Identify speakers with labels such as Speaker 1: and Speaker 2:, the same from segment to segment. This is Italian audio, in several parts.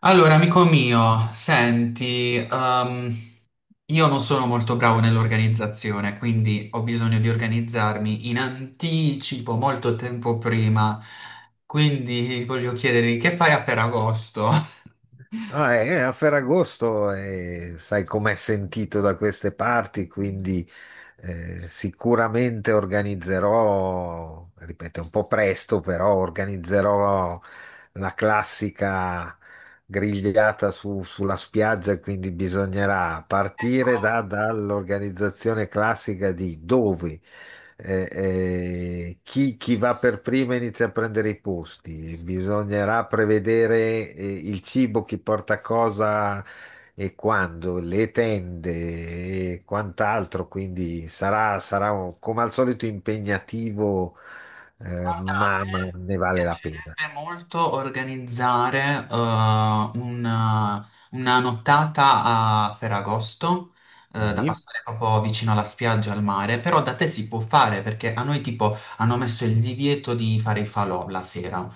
Speaker 1: Allora, amico mio, senti, io non sono molto bravo nell'organizzazione, quindi ho bisogno di organizzarmi in anticipo, molto tempo prima. Quindi voglio chiederti che fai a Ferragosto?
Speaker 2: No, è a Ferragosto e sai com'è sentito da queste parti, quindi sicuramente organizzerò, ripeto, è un po' presto, però organizzerò la classica grigliata sulla spiaggia, quindi bisognerà partire dall'organizzazione classica di dove chi va per prima inizia a prendere i posti. Bisognerà prevedere il cibo, chi porta cosa e quando, le tende e quant'altro. Quindi sarà come al solito impegnativo,
Speaker 1: Guarda, a
Speaker 2: ma
Speaker 1: me
Speaker 2: ne vale la pena.
Speaker 1: piacerebbe molto organizzare una nottata a Ferragosto, da
Speaker 2: Sì.
Speaker 1: passare proprio vicino alla spiaggia, al mare, però da te si può fare perché a noi tipo hanno messo il divieto di fare i falò la sera.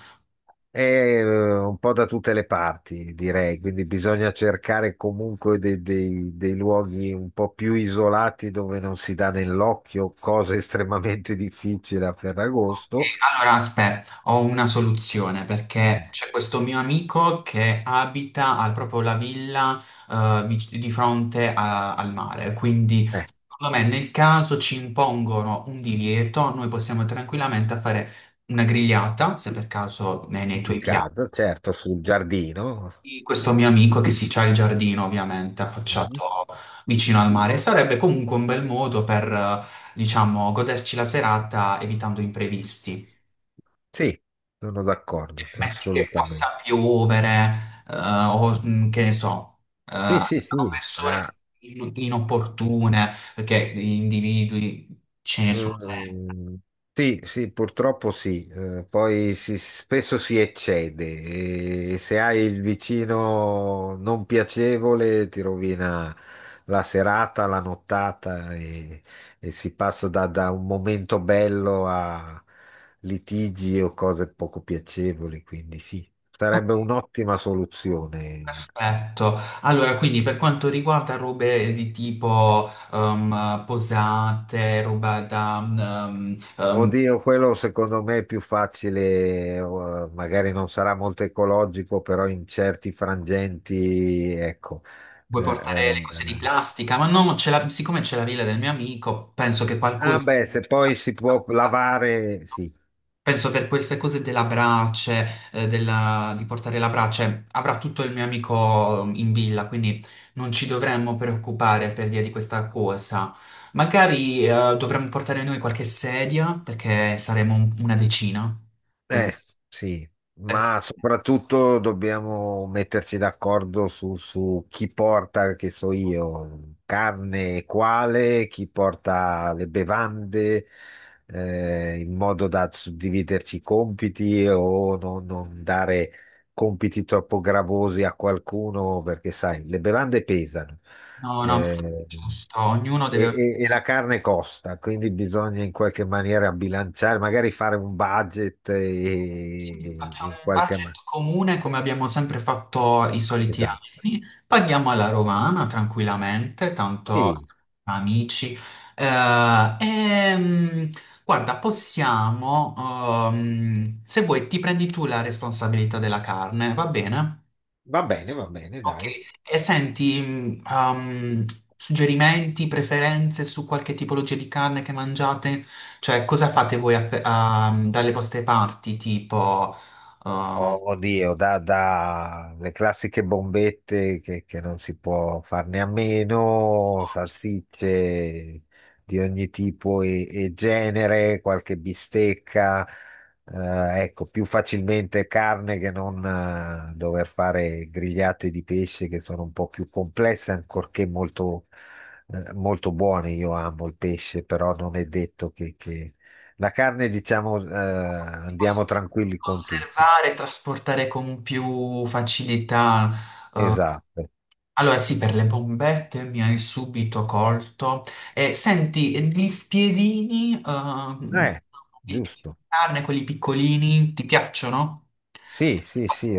Speaker 2: È un po' da tutte le parti, direi, quindi bisogna cercare comunque dei luoghi un po' più isolati dove non si dà nell'occhio, cosa estremamente difficile a Ferragosto.
Speaker 1: Allora, aspetta, ho una soluzione
Speaker 2: Mm.
Speaker 1: perché c'è questo mio amico che abita proprio la villa di fronte al mare, quindi
Speaker 2: Eh,
Speaker 1: secondo me nel caso ci impongono un divieto, noi possiamo tranquillamente fare una grigliata, se per caso nei
Speaker 2: in
Speaker 1: tuoi piani.
Speaker 2: casa, certo, sul giardino.
Speaker 1: Questo mio amico che si c'ha il giardino ovviamente
Speaker 2: Mhm.
Speaker 1: affacciato vicino al mare, sarebbe comunque un bel modo per, diciamo, goderci la serata evitando imprevisti.
Speaker 2: Sì, sono d'accordo, sì,
Speaker 1: Metti che
Speaker 2: assolutamente.
Speaker 1: possa piovere, o che ne so,
Speaker 2: Sì, sì,
Speaker 1: sono
Speaker 2: sì, ha,
Speaker 1: persone inopportune, perché gli individui ce ne sono sempre.
Speaker 2: mm, sì, sì, purtroppo sì. Poi spesso si eccede e se hai il vicino non piacevole ti rovina la serata, la nottata e si passa da un momento bello a litigi o cose poco piacevoli, quindi sì,
Speaker 1: Ok.
Speaker 2: sarebbe un'ottima soluzione.
Speaker 1: Perfetto. Allora, quindi per quanto riguarda robe di tipo posate, roba da...
Speaker 2: Oddio, quello secondo me è più facile, magari non sarà molto ecologico, però in certi frangenti, ecco. Eh,
Speaker 1: Vuoi portare
Speaker 2: eh,
Speaker 1: le cose di
Speaker 2: eh.
Speaker 1: plastica? Ma no, siccome c'è la villa del mio amico, penso che
Speaker 2: Ah
Speaker 1: qualcosa...
Speaker 2: beh, se poi si può lavare, sì.
Speaker 1: Penso per queste cose della brace, di portare la brace, avrà tutto il mio amico in villa, quindi non ci dovremmo preoccupare per via di questa cosa. Magari, dovremmo portare noi qualche sedia, perché saremo una decina. Quindi,
Speaker 2: Eh, sì,
Speaker 1: ecco,
Speaker 2: ma soprattutto dobbiamo metterci d'accordo su chi porta, che so io, carne e quale, chi porta le bevande, in modo da suddividerci i compiti o non dare compiti troppo gravosi a qualcuno, perché sai, le bevande pesano.
Speaker 1: no,
Speaker 2: Mm.
Speaker 1: no, mi sembra giusto. Ognuno deve...
Speaker 2: E la carne costa, quindi bisogna in qualche maniera bilanciare, magari fare un budget
Speaker 1: Sì, facciamo
Speaker 2: in
Speaker 1: un
Speaker 2: qualche maniera.
Speaker 1: budget comune come abbiamo sempre fatto i soliti
Speaker 2: Esatto.
Speaker 1: anni, paghiamo alla romana tranquillamente, tanto
Speaker 2: Sì,
Speaker 1: siamo amici. Eh, ehm, guarda, se vuoi, ti prendi tu la responsabilità della carne, va bene?
Speaker 2: va bene,
Speaker 1: Ok,
Speaker 2: dai.
Speaker 1: e senti, suggerimenti, preferenze su qualche tipologia di carne che mangiate? Cioè, cosa fate voi a dalle vostre parti, tipo, uh,
Speaker 2: Oddio, da le classiche bombette che non si può farne a meno, salsicce di ogni tipo e genere, qualche bistecca, ecco, più facilmente carne che non dover fare grigliate di pesce che sono un po' più complesse, ancorché molto, molto buone. Io amo il pesce, però non è detto che... La carne, diciamo,
Speaker 1: si possa
Speaker 2: andiamo tranquilli con tutti.
Speaker 1: conservare e trasportare con più facilità?
Speaker 2: Esatto.
Speaker 1: Allora, sì, per le bombette mi hai subito colto. E senti, e
Speaker 2: Eh,
Speaker 1: gli spiedini
Speaker 2: giusto.
Speaker 1: di carne, quelli piccolini, ti piacciono?
Speaker 2: Sì, sì, sì,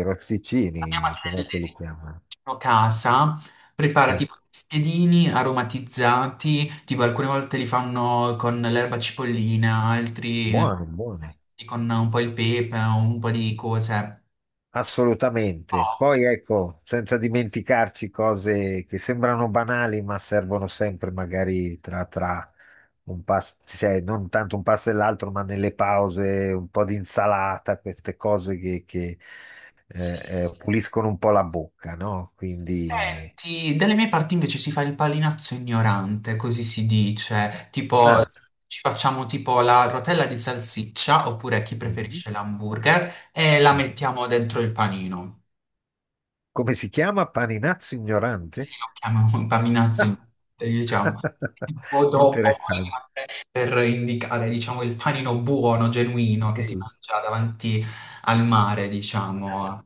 Speaker 1: Andiamo a
Speaker 2: rosticini, come
Speaker 1: prendere
Speaker 2: se li chiamano.
Speaker 1: vicino casa, prepara
Speaker 2: Sì.
Speaker 1: tipo dei spiedini aromatizzati, tipo alcune volte li fanno con l'erba cipollina, altri
Speaker 2: Buone, buone.
Speaker 1: con un po' il pepe, un po' di cose.
Speaker 2: Assolutamente.
Speaker 1: Oh,
Speaker 2: Poi ecco, senza dimenticarci cose che sembrano banali, ma servono sempre magari tra un pasto, cioè non tanto un pasto e l'altro, ma nelle pause, un po' di insalata, queste cose che,
Speaker 1: sì.
Speaker 2: puliscono un po' la bocca, no? Quindi...
Speaker 1: Senti, dalle mie parti invece si fa il palinazzo ignorante, così si dice, tipo
Speaker 2: Ah.
Speaker 1: ci facciamo tipo la rotella di salsiccia, oppure chi
Speaker 2: Mhm.
Speaker 1: preferisce l'hamburger, e la
Speaker 2: Mhm.
Speaker 1: mettiamo dentro il panino.
Speaker 2: Come si chiama? Paninazzo
Speaker 1: Sì,
Speaker 2: ignorante?
Speaker 1: lo chiamano contaminazzo, diciamo, un po' troppo
Speaker 2: Interessante.
Speaker 1: per indicare, diciamo, il panino buono, genuino,
Speaker 2: Sì.
Speaker 1: che si mangia davanti al mare, diciamo.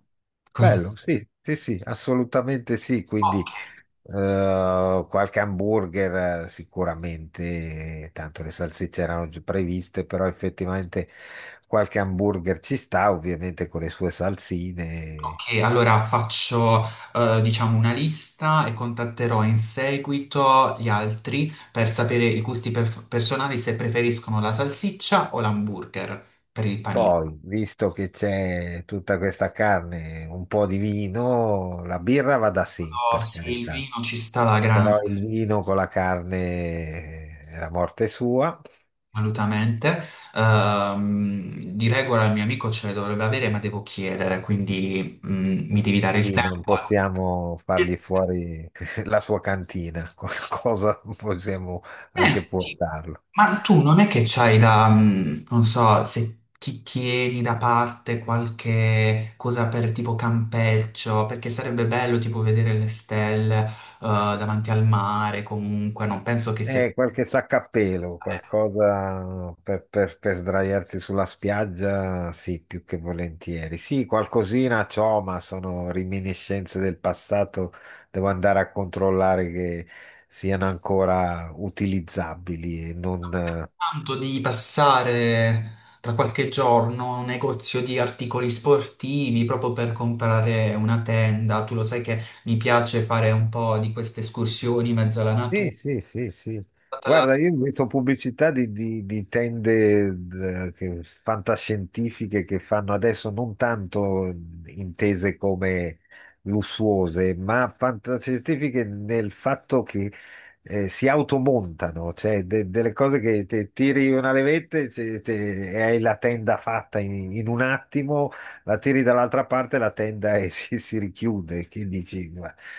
Speaker 1: Cons-
Speaker 2: Bello, sì, sì, sì, assolutamente sì. Quindi
Speaker 1: Ok,
Speaker 2: qualche hamburger sicuramente, tanto le salsicce erano già previste, però effettivamente qualche hamburger ci sta, ovviamente con le sue salsine.
Speaker 1: ok, allora faccio, diciamo, una lista e contatterò in seguito gli altri per sapere i gusti personali se preferiscono la salsiccia o l'hamburger per il panino.
Speaker 2: Poi, visto che c'è tutta questa carne, un po' di vino, la birra va da sì,
Speaker 1: Oh,
Speaker 2: per
Speaker 1: sì, il
Speaker 2: carità.
Speaker 1: vino ci sta alla grande.
Speaker 2: Però il vino con la carne è la morte sua.
Speaker 1: Assolutamente. Di regola il mio amico ce le dovrebbe avere, ma devo chiedere, quindi mi devi dare il
Speaker 2: Sì,
Speaker 1: tempo.
Speaker 2: non possiamo fargli fuori la sua cantina, cosa possiamo
Speaker 1: Eh,
Speaker 2: anche
Speaker 1: ti-
Speaker 2: portarlo.
Speaker 1: ma tu non è che c'hai da, non so, se ti tieni da parte qualche cosa per tipo campeggio, perché sarebbe bello tipo vedere le stelle davanti al mare, comunque non penso che sia...
Speaker 2: Qualche sacca a pelo, qualcosa per, per sdraiarsi sulla spiaggia, sì, più che volentieri. Sì, qualcosina c'ho, ma sono reminiscenze del passato, devo andare a controllare che siano ancora utilizzabili e non,
Speaker 1: Tanto di passare tra qualche giorno a un negozio di articoli sportivi proprio per comprare una tenda. Tu lo sai che mi piace fare un po' di queste escursioni in mezzo alla
Speaker 2: sì,
Speaker 1: natura.
Speaker 2: sì, sì, sì.
Speaker 1: Te la-
Speaker 2: Guarda, io metto pubblicità di, di tende fantascientifiche che fanno adesso, non tanto intese come lussuose, ma fantascientifiche nel fatto che si automontano, cioè delle cose che te tiri una levetta e e hai la tenda fatta in, in un attimo, la tiri dall'altra parte, la tenda e si richiude. Che dici?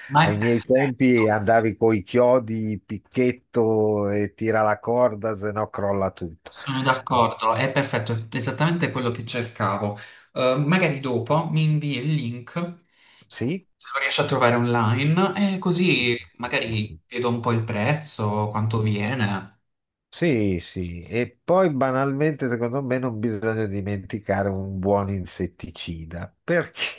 Speaker 1: Ma è
Speaker 2: Ai miei
Speaker 1: perfetto,
Speaker 2: tempi andavi coi chiodi, picchetto e tira la corda, se no crolla tutto.
Speaker 1: sono
Speaker 2: Ah,
Speaker 1: d'accordo, è perfetto, è esattamente quello che cercavo. Magari dopo mi invii il link,
Speaker 2: sì?
Speaker 1: se lo riesci a trovare online, e così magari vedo un po' il prezzo, quanto viene.
Speaker 2: Sì, sì. E poi banalmente, secondo me, non bisogna dimenticare un buon insetticida,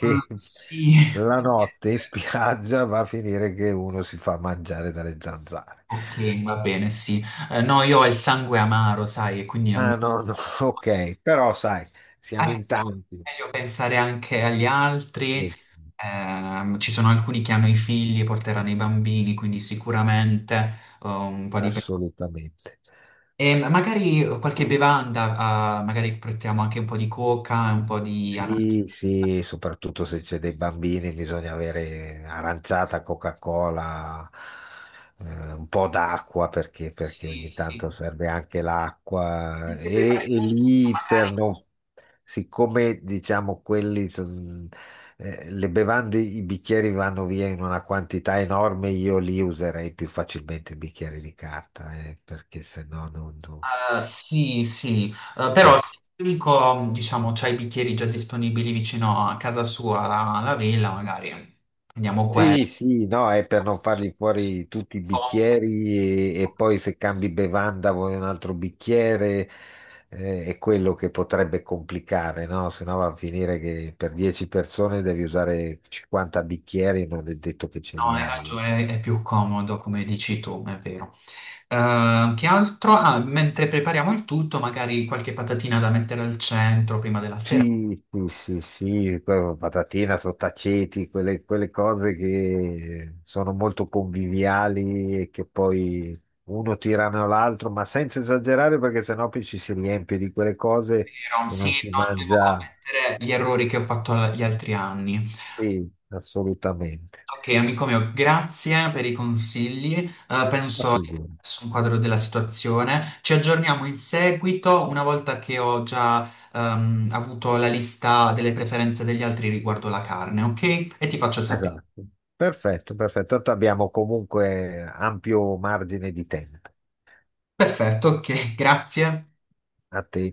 Speaker 1: Ah, sì.
Speaker 2: la notte in spiaggia va a finire che uno si fa mangiare dalle zanzare.
Speaker 1: Ok, va bene, sì. No, io ho il sangue amaro, sai, e quindi a
Speaker 2: Ah,
Speaker 1: me
Speaker 2: no, no, ok, però sai,
Speaker 1: a
Speaker 2: siamo
Speaker 1: me
Speaker 2: in tanti.
Speaker 1: è meglio pensare anche agli altri.
Speaker 2: Eh sì,
Speaker 1: Ci sono alcuni che hanno i figli e porteranno i bambini, quindi sicuramente un po' di... pe-
Speaker 2: assolutamente.
Speaker 1: E magari qualche bevanda, magari portiamo anche un po' di coca, un po' di arancia.
Speaker 2: Sì, sì, soprattutto se c'è dei bambini bisogna avere aranciata, Coca-Cola, un po' d'acqua perché, perché
Speaker 1: Sì,
Speaker 2: ogni tanto
Speaker 1: sì.
Speaker 2: serve anche l'acqua
Speaker 1: Mentre
Speaker 2: e
Speaker 1: prepariamo tutto,
Speaker 2: lì per
Speaker 1: magari...
Speaker 2: non, siccome diciamo le bevande, i bicchieri vanno via in una quantità enorme, io li userei più facilmente i bicchieri di carta, perché se no non...
Speaker 1: Sì, sì, eh, però
Speaker 2: per-
Speaker 1: se l'unico, diciamo, c'ha i bicchieri già disponibili vicino a casa sua, alla villa, magari andiamo qua.
Speaker 2: Sì, sì, no, è per non fargli fuori tutti i
Speaker 1: No,
Speaker 2: bicchieri e poi se cambi bevanda vuoi un altro bicchiere, è quello che potrebbe complicare, no? Se no va a finire che per 10 persone devi usare 50 bicchieri, non è detto che ce li
Speaker 1: hai
Speaker 2: hai, eh.
Speaker 1: ragione, è più comodo, come dici tu, è vero. Che altro? Ah, mentre prepariamo il tutto, magari qualche patatina da mettere al centro prima della sera.
Speaker 2: Sì, sì, sì, sì, poi patatina, sottaceti, quelle cose che sono molto conviviali e che poi uno tirano l'altro, ma senza esagerare perché sennò poi ci si riempie di quelle cose
Speaker 1: Vero?
Speaker 2: e
Speaker 1: Sì,
Speaker 2: non si
Speaker 1: non devo
Speaker 2: mangia.
Speaker 1: commettere gli errori che ho fatto gli altri anni.
Speaker 2: Sì, assolutamente.
Speaker 1: Ok, amico mio, grazie per i consigli. Penso di
Speaker 2: Sì,
Speaker 1: aver messo un quadro della situazione. Ci aggiorniamo in seguito, una volta che ho già avuto la lista delle preferenze degli altri riguardo la carne, ok? E ti faccio sapere.
Speaker 2: esatto. Perfetto, perfetto. Tanto abbiamo comunque ampio margine di tempo.
Speaker 1: Perfetto, ok, grazie.
Speaker 2: A te.